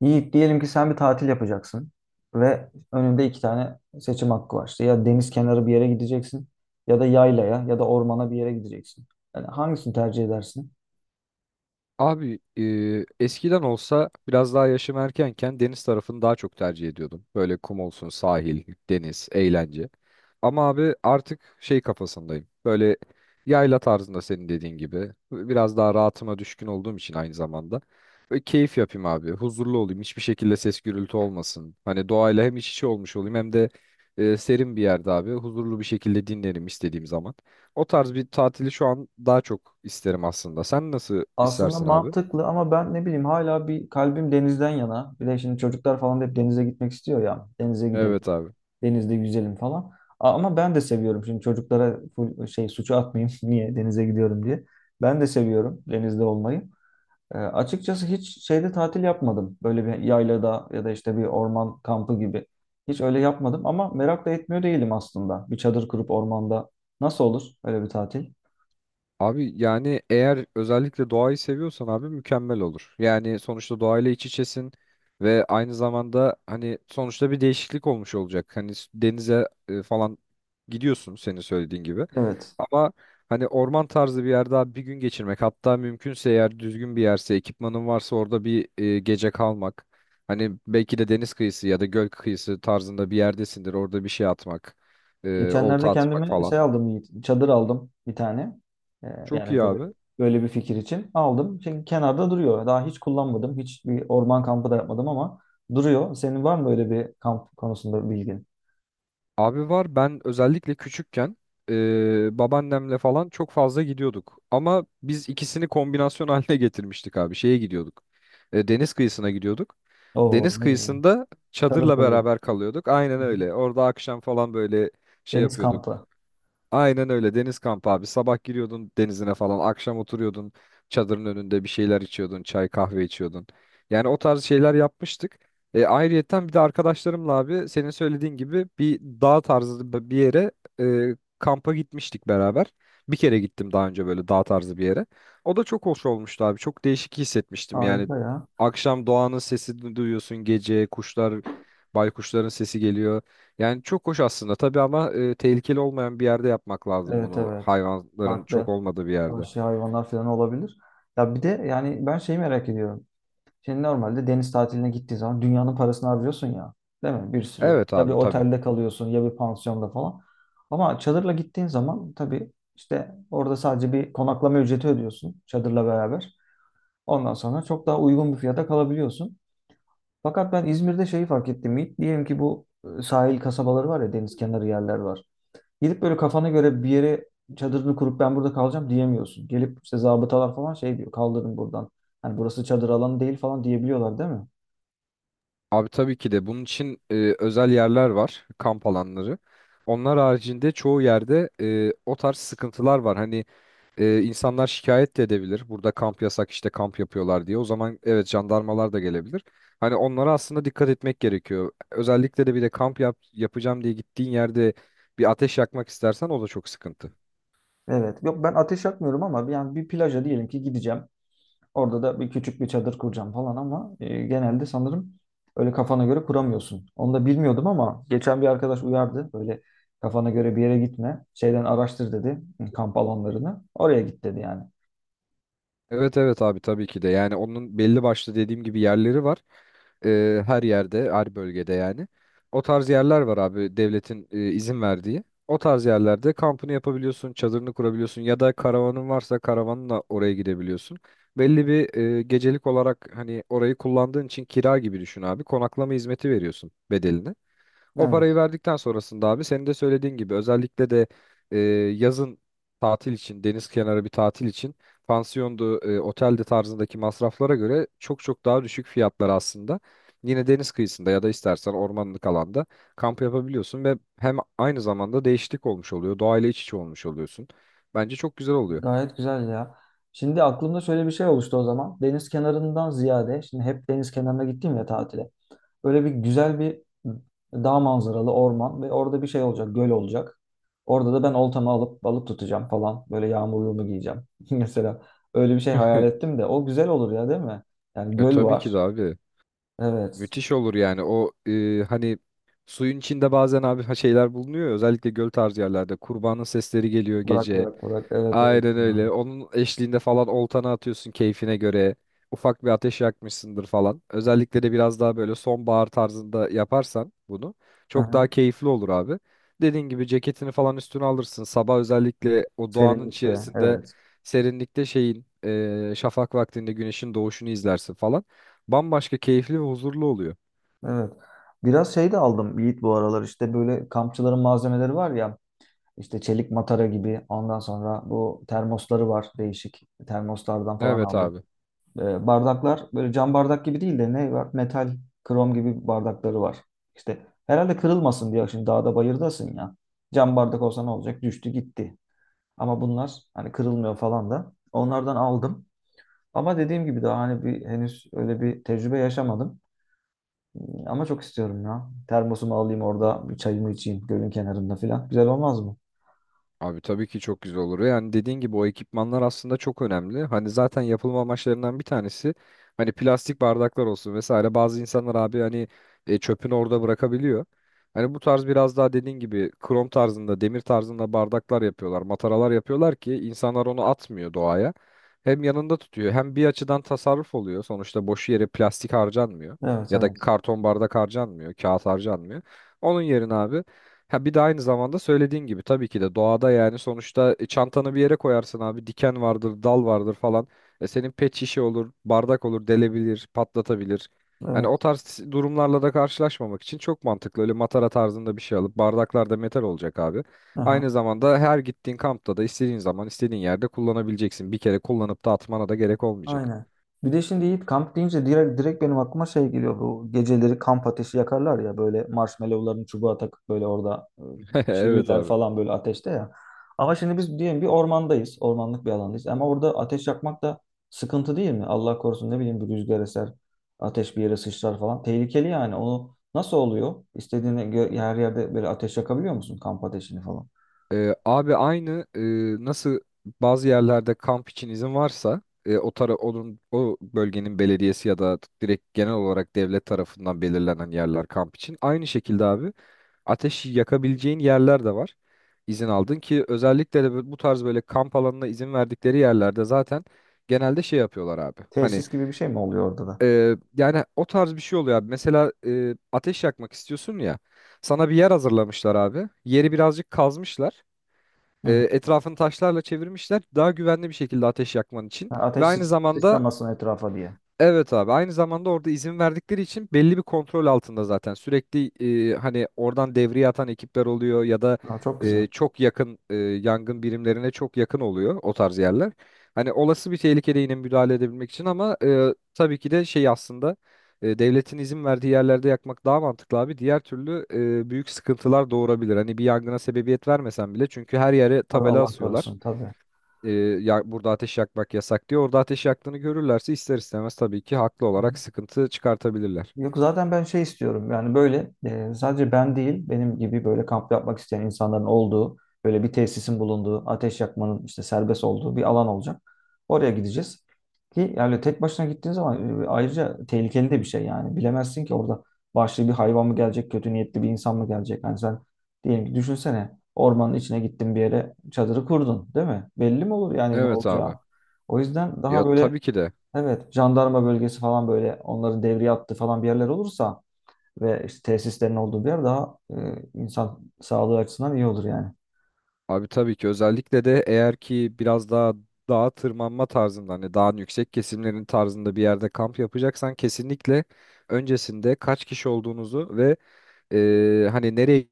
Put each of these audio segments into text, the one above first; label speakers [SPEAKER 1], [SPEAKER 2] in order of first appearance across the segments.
[SPEAKER 1] Yiğit diyelim ki sen bir tatil yapacaksın ve önünde iki tane seçim hakkı var. İşte ya deniz kenarı bir yere gideceksin ya da yaylaya ya da ormana bir yere gideceksin. Yani hangisini tercih edersin?
[SPEAKER 2] Abi eskiden olsa biraz daha yaşım erkenken deniz tarafını daha çok tercih ediyordum. Böyle kum olsun, sahil, deniz, eğlence. Ama abi artık şey kafasındayım. Böyle yayla tarzında senin dediğin gibi. Biraz daha rahatıma düşkün olduğum için aynı zamanda. Böyle keyif yapayım abi. Huzurlu olayım. Hiçbir şekilde ses gürültü olmasın. Hani doğayla hem iç içe olmuş olayım hem de serin bir yerde abi. Huzurlu bir şekilde dinlerim istediğim zaman. O tarz bir tatili şu an daha çok isterim aslında. Sen nasıl
[SPEAKER 1] Aslında
[SPEAKER 2] istersin abi?
[SPEAKER 1] mantıklı ama ben ne bileyim hala bir kalbim denizden yana. Bir de şimdi çocuklar falan da hep denize gitmek istiyor ya. Denize gidelim,
[SPEAKER 2] Evet abi.
[SPEAKER 1] denizde yüzelim falan. Ama ben de seviyorum. Şimdi çocuklara full şey suçu atmayayım niye denize gidiyorum diye. Ben de seviyorum denizde olmayı. Açıkçası hiç şeyde tatil yapmadım. Böyle bir yaylada ya da işte bir orman kampı gibi. Hiç öyle yapmadım ama merak da etmiyor değilim aslında. Bir çadır kurup ormanda nasıl olur öyle bir tatil?
[SPEAKER 2] Abi yani eğer özellikle doğayı seviyorsan abi mükemmel olur. Yani sonuçta doğayla iç içesin ve aynı zamanda hani sonuçta bir değişiklik olmuş olacak. Hani denize falan gidiyorsun senin söylediğin gibi.
[SPEAKER 1] Evet.
[SPEAKER 2] Ama hani orman tarzı bir yerde abi bir gün geçirmek, hatta mümkünse eğer düzgün bir yerse ekipmanın varsa orada bir gece kalmak. Hani belki de deniz kıyısı ya da göl kıyısı tarzında bir yerdesindir, orada bir şey atmak, olta
[SPEAKER 1] Geçenlerde
[SPEAKER 2] atmak
[SPEAKER 1] kendime
[SPEAKER 2] falan.
[SPEAKER 1] şey aldım Yiğit, çadır aldım bir tane. E,
[SPEAKER 2] Çok iyi
[SPEAKER 1] Yani böyle,
[SPEAKER 2] abi.
[SPEAKER 1] böyle bir fikir için aldım. Çünkü kenarda duruyor. Daha hiç kullanmadım. Hiç bir orman kampı da yapmadım ama duruyor. Senin var mı böyle bir kamp konusunda bilgin?
[SPEAKER 2] Abi var, ben özellikle küçükken babaannemle falan çok fazla gidiyorduk. Ama biz ikisini kombinasyon haline getirmiştik abi. Şeye gidiyorduk. Deniz kıyısına gidiyorduk.
[SPEAKER 1] Oo
[SPEAKER 2] Deniz
[SPEAKER 1] ne güzel.
[SPEAKER 2] kıyısında
[SPEAKER 1] Çadır
[SPEAKER 2] çadırla
[SPEAKER 1] kuruyoruz.
[SPEAKER 2] beraber kalıyorduk. Aynen
[SPEAKER 1] Hı hı.
[SPEAKER 2] öyle. Orada akşam falan böyle şey
[SPEAKER 1] Deniz
[SPEAKER 2] yapıyorduk.
[SPEAKER 1] kampı.
[SPEAKER 2] Aynen öyle, deniz kampı abi. Sabah giriyordun denizine falan, akşam oturuyordun çadırın önünde bir şeyler içiyordun, çay kahve içiyordun. Yani o tarz şeyler yapmıştık. Ayrıyetten bir de arkadaşlarımla abi senin söylediğin gibi bir dağ tarzı bir yere kampa gitmiştik beraber. Bir kere gittim daha önce böyle dağ tarzı bir yere. O da çok hoş olmuştu abi. Çok değişik hissetmiştim yani.
[SPEAKER 1] Harika ya.
[SPEAKER 2] Akşam doğanın sesi duyuyorsun gece, kuşlar, baykuşların sesi geliyor. Yani çok hoş aslında tabii, ama tehlikeli olmayan bir yerde yapmak lazım
[SPEAKER 1] Evet,
[SPEAKER 2] bunu.
[SPEAKER 1] evet.
[SPEAKER 2] Hayvanların çok
[SPEAKER 1] Farklı
[SPEAKER 2] olmadığı bir yerde.
[SPEAKER 1] vahşi hayvanlar falan olabilir. Ya bir de yani ben şeyi merak ediyorum. Şimdi normalde deniz tatiline gittiğin zaman dünyanın parasını harcıyorsun ya. Değil mi? Bir sürü.
[SPEAKER 2] Evet
[SPEAKER 1] Ya bir
[SPEAKER 2] abi, tabii.
[SPEAKER 1] otelde kalıyorsun ya bir pansiyonda falan. Ama çadırla gittiğin zaman tabii işte orada sadece bir konaklama ücreti ödüyorsun çadırla beraber. Ondan sonra çok daha uygun bir fiyata kalabiliyorsun. Fakat ben İzmir'de şeyi fark ettim. Yiğit. Diyelim ki bu sahil kasabaları var ya deniz kenarı yerler var. Gidip böyle kafana göre bir yere çadırını kurup ben burada kalacağım diyemiyorsun. Gelip işte zabıtalar falan şey diyor kaldırın buradan. Hani burası çadır alanı değil falan diyebiliyorlar değil mi?
[SPEAKER 2] Abi tabii ki de bunun için özel yerler var, kamp alanları. Onlar haricinde çoğu yerde o tarz sıkıntılar var. Hani insanlar şikayet de edebilir. Burada kamp yasak, işte kamp yapıyorlar diye. O zaman evet, jandarmalar da gelebilir. Hani onlara aslında dikkat etmek gerekiyor. Özellikle de bir de kamp yap, yapacağım diye gittiğin yerde bir ateş yakmak istersen o da çok sıkıntı.
[SPEAKER 1] Evet. Yok ben ateş yakmıyorum ama yani bir plaja diyelim ki gideceğim. Orada da bir küçük bir çadır kuracağım falan ama genelde sanırım öyle kafana göre kuramıyorsun. Onu da bilmiyordum ama geçen bir arkadaş uyardı. Böyle kafana göre bir yere gitme. Şeyden araştır dedi kamp alanlarını. Oraya git dedi yani.
[SPEAKER 2] Evet evet abi, tabii ki de. Yani onun belli başlı dediğim gibi yerleri var. Her yerde, her bölgede yani o tarz yerler var abi. Devletin izin verdiği o tarz yerlerde kampını yapabiliyorsun, çadırını kurabiliyorsun ya da karavanın varsa karavanla oraya gidebiliyorsun. Belli bir gecelik olarak hani orayı kullandığın için kira gibi düşün abi, konaklama hizmeti veriyorsun bedelini. O parayı
[SPEAKER 1] Evet.
[SPEAKER 2] verdikten sonrasında abi senin de söylediğin gibi özellikle de e, yazın tatil için, deniz kenarı bir tatil için pansiyondu, otelde tarzındaki masraflara göre çok çok daha düşük fiyatlar aslında. Yine deniz kıyısında ya da istersen ormanlık alanda kamp yapabiliyorsun ve hem aynı zamanda değişiklik olmuş oluyor, doğayla iç içe olmuş oluyorsun. Bence çok güzel oluyor.
[SPEAKER 1] Gayet güzel ya. Şimdi aklımda şöyle bir şey oluştu o zaman. Deniz kenarından ziyade, şimdi hep deniz kenarına gittim ya tatile. Böyle bir güzel bir dağ manzaralı orman ve orada bir şey olacak, göl olacak. Orada da ben oltamı alıp balık tutacağım falan. Böyle yağmurluğumu giyeceğim. Mesela öyle bir şey hayal ettim de o güzel olur ya değil mi? Yani
[SPEAKER 2] E,
[SPEAKER 1] göl
[SPEAKER 2] tabii ki de
[SPEAKER 1] var.
[SPEAKER 2] abi.
[SPEAKER 1] Evet.
[SPEAKER 2] Müthiş olur yani. O hani suyun içinde bazen abi şeyler bulunuyor ya, özellikle göl tarzı yerlerde kurbanın sesleri geliyor
[SPEAKER 1] Bırak,
[SPEAKER 2] gece.
[SPEAKER 1] bırak, bırak. Evet, evet.
[SPEAKER 2] Aynen
[SPEAKER 1] Ya.
[SPEAKER 2] öyle, onun eşliğinde falan oltana atıyorsun keyfine göre, ufak bir ateş yakmışsındır falan. Özellikle de biraz daha böyle sonbahar tarzında yaparsan bunu
[SPEAKER 1] Hı
[SPEAKER 2] çok daha
[SPEAKER 1] hı.
[SPEAKER 2] keyifli olur abi. Dediğin gibi ceketini falan üstüne alırsın sabah, özellikle o doğanın
[SPEAKER 1] Serinlikte.
[SPEAKER 2] içerisinde
[SPEAKER 1] Evet.
[SPEAKER 2] serinlikte, şeyin şafak vaktinde güneşin doğuşunu izlersin falan. Bambaşka keyifli ve huzurlu oluyor.
[SPEAKER 1] Evet. Biraz şey de aldım Yiğit bu aralar işte böyle kampçıların malzemeleri var ya. İşte çelik matara gibi. Ondan sonra bu termosları var değişik. Termoslardan falan
[SPEAKER 2] Evet
[SPEAKER 1] aldım.
[SPEAKER 2] abi.
[SPEAKER 1] Bardaklar böyle cam bardak gibi değil de ne var? Metal, krom gibi bardakları var. İşte herhalde kırılmasın diye şimdi dağda bayırdasın ya. Cam bardak olsa ne olacak? Düştü gitti. Ama bunlar hani kırılmıyor falan da. Onlardan aldım. Ama dediğim gibi daha hani bir henüz öyle bir tecrübe yaşamadım. Ama çok istiyorum ya. Termosumu alayım orada bir çayımı içeyim gölün kenarında falan. Güzel olmaz mı?
[SPEAKER 2] Abi tabii ki çok güzel olur. Yani dediğin gibi o ekipmanlar aslında çok önemli. Hani zaten yapılma amaçlarından bir tanesi, hani plastik bardaklar olsun vesaire. Bazı insanlar abi hani çöpünü orada bırakabiliyor. Hani bu tarz biraz daha dediğin gibi krom tarzında, demir tarzında bardaklar yapıyorlar, mataralar yapıyorlar ki insanlar onu atmıyor doğaya. Hem yanında tutuyor, hem bir açıdan tasarruf oluyor. Sonuçta boş yere plastik harcanmıyor
[SPEAKER 1] Evet,
[SPEAKER 2] ya da
[SPEAKER 1] evet.
[SPEAKER 2] karton bardak harcanmıyor, kağıt harcanmıyor. Onun yerine abi. Ha bir de aynı zamanda söylediğin gibi tabii ki de doğada yani sonuçta çantanı bir yere koyarsın abi, diken vardır, dal vardır falan. E senin pet şişe olur, bardak olur, delebilir, patlatabilir. Hani o
[SPEAKER 1] Evet.
[SPEAKER 2] tarz durumlarla da karşılaşmamak için çok mantıklı. Öyle matara tarzında bir şey alıp bardaklar da metal olacak abi.
[SPEAKER 1] Aha.
[SPEAKER 2] Aynı zamanda her gittiğin kampta da istediğin zaman istediğin yerde kullanabileceksin. Bir kere kullanıp da atmana da gerek olmayacak.
[SPEAKER 1] Aynen. Bir de şimdi Yiğit kamp deyince direkt, direkt benim aklıma şey geliyor. Bu geceleri kamp ateşi yakarlar ya böyle marshmallowlarını çubuğa takıp böyle orada
[SPEAKER 2] Evet
[SPEAKER 1] pişirirler
[SPEAKER 2] abi.
[SPEAKER 1] falan böyle ateşte ya. Ama şimdi biz diyelim bir ormandayız. Ormanlık bir alandayız. Ama orada ateş yakmak da sıkıntı değil mi? Allah korusun ne bileyim bir rüzgar eser, ateş bir yere sıçrar falan. Tehlikeli yani. Onu nasıl oluyor? Her yerde böyle ateş yakabiliyor musun kamp ateşini falan?
[SPEAKER 2] Abi aynı nasıl, bazı yerlerde kamp için izin varsa o tara onun o bölgenin belediyesi ya da direkt genel olarak devlet tarafından belirlenen yerler kamp için, aynı şekilde abi ateş yakabileceğin yerler de var. İzin aldın ki özellikle de bu tarz böyle kamp alanına izin verdikleri yerlerde zaten genelde şey yapıyorlar abi, hani
[SPEAKER 1] Tesis gibi bir şey mi oluyor orada da?
[SPEAKER 2] yani o tarz bir şey oluyor abi. Mesela ateş yakmak istiyorsun ya, sana bir yer hazırlamışlar abi, yeri birazcık kazmışlar,
[SPEAKER 1] Hı hı.
[SPEAKER 2] etrafını taşlarla çevirmişler daha güvenli bir şekilde ateş yakman için
[SPEAKER 1] Ha,
[SPEAKER 2] ve aynı zamanda.
[SPEAKER 1] Sıçramasın etrafa diye.
[SPEAKER 2] Evet abi, aynı zamanda orada izin verdikleri için belli bir kontrol altında zaten sürekli hani oradan devriye atan ekipler oluyor ya da
[SPEAKER 1] Ha, çok güzel.
[SPEAKER 2] çok yakın yangın birimlerine çok yakın oluyor o tarz yerler. Hani olası bir tehlikede yine müdahale edebilmek için. Ama tabii ki de şey aslında, devletin izin verdiği yerlerde yakmak daha mantıklı abi. Diğer türlü büyük sıkıntılar doğurabilir. Hani bir yangına sebebiyet vermesen bile, çünkü her yere
[SPEAKER 1] Tabii
[SPEAKER 2] tabela
[SPEAKER 1] Allah
[SPEAKER 2] asıyorlar
[SPEAKER 1] korusun tabii.
[SPEAKER 2] e, ya burada ateş yakmak yasak diye, orada ateş yaktığını görürlerse ister istemez tabii ki haklı
[SPEAKER 1] Hı.
[SPEAKER 2] olarak sıkıntı çıkartabilirler.
[SPEAKER 1] Yok zaten ben şey istiyorum yani böyle sadece ben değil benim gibi böyle kamp yapmak isteyen insanların olduğu böyle bir tesisin bulunduğu ateş yakmanın işte serbest olduğu bir alan olacak. Oraya gideceğiz ki yani tek başına gittiğin zaman ayrıca tehlikeli de bir şey yani bilemezsin ki orada vahşi bir hayvan mı gelecek kötü niyetli bir insan mı gelecek. Hani sen diyelim ki düşünsene ormanın içine gittin bir yere çadırı kurdun değil mi? Belli mi olur yani ne
[SPEAKER 2] Evet abi.
[SPEAKER 1] olacağı? O yüzden daha
[SPEAKER 2] Ya
[SPEAKER 1] böyle
[SPEAKER 2] tabii ki de.
[SPEAKER 1] evet, jandarma bölgesi falan böyle onların devriye attığı falan bir yerler olursa ve işte tesislerin olduğu bir yer daha insan sağlığı açısından iyi olur yani.
[SPEAKER 2] Abi tabii ki, özellikle de eğer ki biraz daha dağa tırmanma tarzında hani dağın yüksek kesimlerin tarzında bir yerde kamp yapacaksan kesinlikle öncesinde kaç kişi olduğunuzu ve hani nereye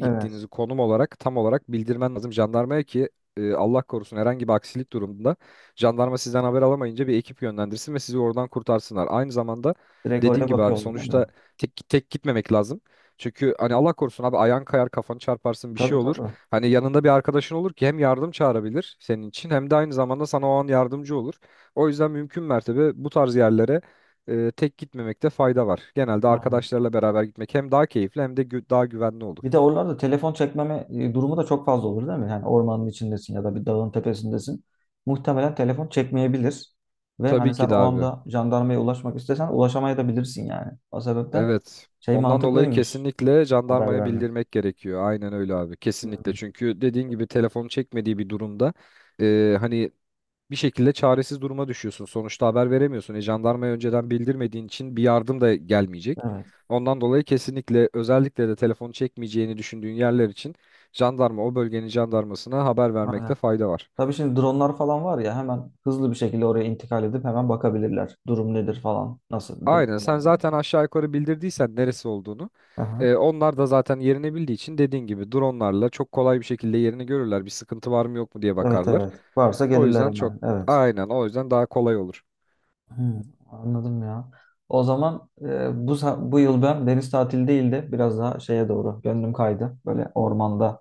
[SPEAKER 1] Evet.
[SPEAKER 2] konum olarak tam olarak bildirmen lazım jandarmaya ki Allah korusun herhangi bir aksilik durumunda jandarma sizden haber alamayınca bir ekip yönlendirsin ve sizi oradan kurtarsınlar. Aynı zamanda
[SPEAKER 1] Direkt
[SPEAKER 2] dediğin
[SPEAKER 1] oraya
[SPEAKER 2] gibi abi
[SPEAKER 1] bakıyorlar değil
[SPEAKER 2] sonuçta
[SPEAKER 1] mi?
[SPEAKER 2] tek tek gitmemek lazım. Çünkü hani Allah korusun abi, ayağın kayar, kafanı çarparsın, bir şey
[SPEAKER 1] Tabii,
[SPEAKER 2] olur.
[SPEAKER 1] tabii.
[SPEAKER 2] Hani yanında bir arkadaşın olur ki hem yardım çağırabilir senin için hem de aynı zamanda sana o an yardımcı olur. O yüzden mümkün mertebe bu tarz yerlere tek gitmemekte fayda var. Genelde
[SPEAKER 1] Aynen.
[SPEAKER 2] arkadaşlarla beraber gitmek hem daha keyifli hem de daha güvenli olur.
[SPEAKER 1] Bir de oralarda telefon çekmeme durumu da çok fazla olur değil mi? Yani ormanın içindesin ya da bir dağın tepesindesin. Muhtemelen telefon çekmeyebilir. Ve hani
[SPEAKER 2] Tabii
[SPEAKER 1] sen
[SPEAKER 2] ki de
[SPEAKER 1] o
[SPEAKER 2] abi.
[SPEAKER 1] anda jandarmaya ulaşmak istesen ulaşamayabilirsin yani. O sebepten
[SPEAKER 2] Evet.
[SPEAKER 1] şey
[SPEAKER 2] Ondan dolayı
[SPEAKER 1] mantıklıymış
[SPEAKER 2] kesinlikle
[SPEAKER 1] haber
[SPEAKER 2] jandarmaya
[SPEAKER 1] vermek.
[SPEAKER 2] bildirmek gerekiyor. Aynen öyle abi. Kesinlikle.
[SPEAKER 1] Hmm,
[SPEAKER 2] Çünkü dediğin gibi telefonu çekmediği bir durumda hani bir şekilde çaresiz duruma düşüyorsun. Sonuçta haber veremiyorsun. E, jandarmaya önceden bildirmediğin için bir yardım da gelmeyecek.
[SPEAKER 1] evet,
[SPEAKER 2] Ondan dolayı kesinlikle özellikle de telefonu çekmeyeceğini düşündüğün yerler için jandarma o bölgenin jandarmasına haber vermekte
[SPEAKER 1] aynen.
[SPEAKER 2] fayda var.
[SPEAKER 1] Tabii şimdi dronlar falan var ya hemen hızlı bir şekilde oraya intikal edip hemen bakabilirler. Durum nedir falan, nasıl durum
[SPEAKER 2] Aynen, sen
[SPEAKER 1] falan diye.
[SPEAKER 2] zaten aşağı yukarı bildirdiysen neresi olduğunu
[SPEAKER 1] Aha.
[SPEAKER 2] onlar da zaten yerini bildiği için dediğin gibi dronlarla çok kolay bir şekilde yerini görürler. Bir sıkıntı var mı yok mu diye
[SPEAKER 1] Evet,
[SPEAKER 2] bakarlar.
[SPEAKER 1] evet. Varsa
[SPEAKER 2] O
[SPEAKER 1] gelirler
[SPEAKER 2] yüzden çok,
[SPEAKER 1] hemen. Evet.
[SPEAKER 2] aynen, o yüzden daha kolay olur.
[SPEAKER 1] Hmm, anladım ya. O zaman bu yıl ben deniz tatili değil de biraz daha şeye doğru gönlüm kaydı. Böyle ormanda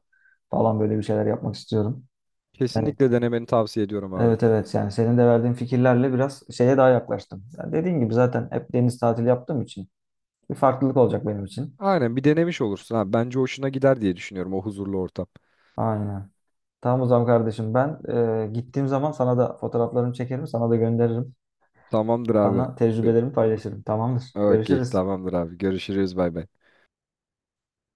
[SPEAKER 1] falan böyle bir şeyler yapmak istiyorum. Yani
[SPEAKER 2] Kesinlikle denemeni tavsiye ediyorum abi.
[SPEAKER 1] evet, evet yani senin de verdiğin fikirlerle biraz şeye daha yaklaştım. Yani dediğin gibi zaten hep deniz tatili yaptığım için bir farklılık olacak benim için.
[SPEAKER 2] Aynen, bir denemiş olursun ha. Bence hoşuna gider diye düşünüyorum, o huzurlu ortam.
[SPEAKER 1] Aynen. Tamam o zaman kardeşim ben gittiğim zaman sana da fotoğraflarımı çekerim, sana da gönderirim.
[SPEAKER 2] Tamamdır abi.
[SPEAKER 1] Sana
[SPEAKER 2] Be-
[SPEAKER 1] tecrübelerimi paylaşırım. Tamamdır.
[SPEAKER 2] Okey,
[SPEAKER 1] Görüşürüz.
[SPEAKER 2] tamamdır abi. Görüşürüz, bay bay.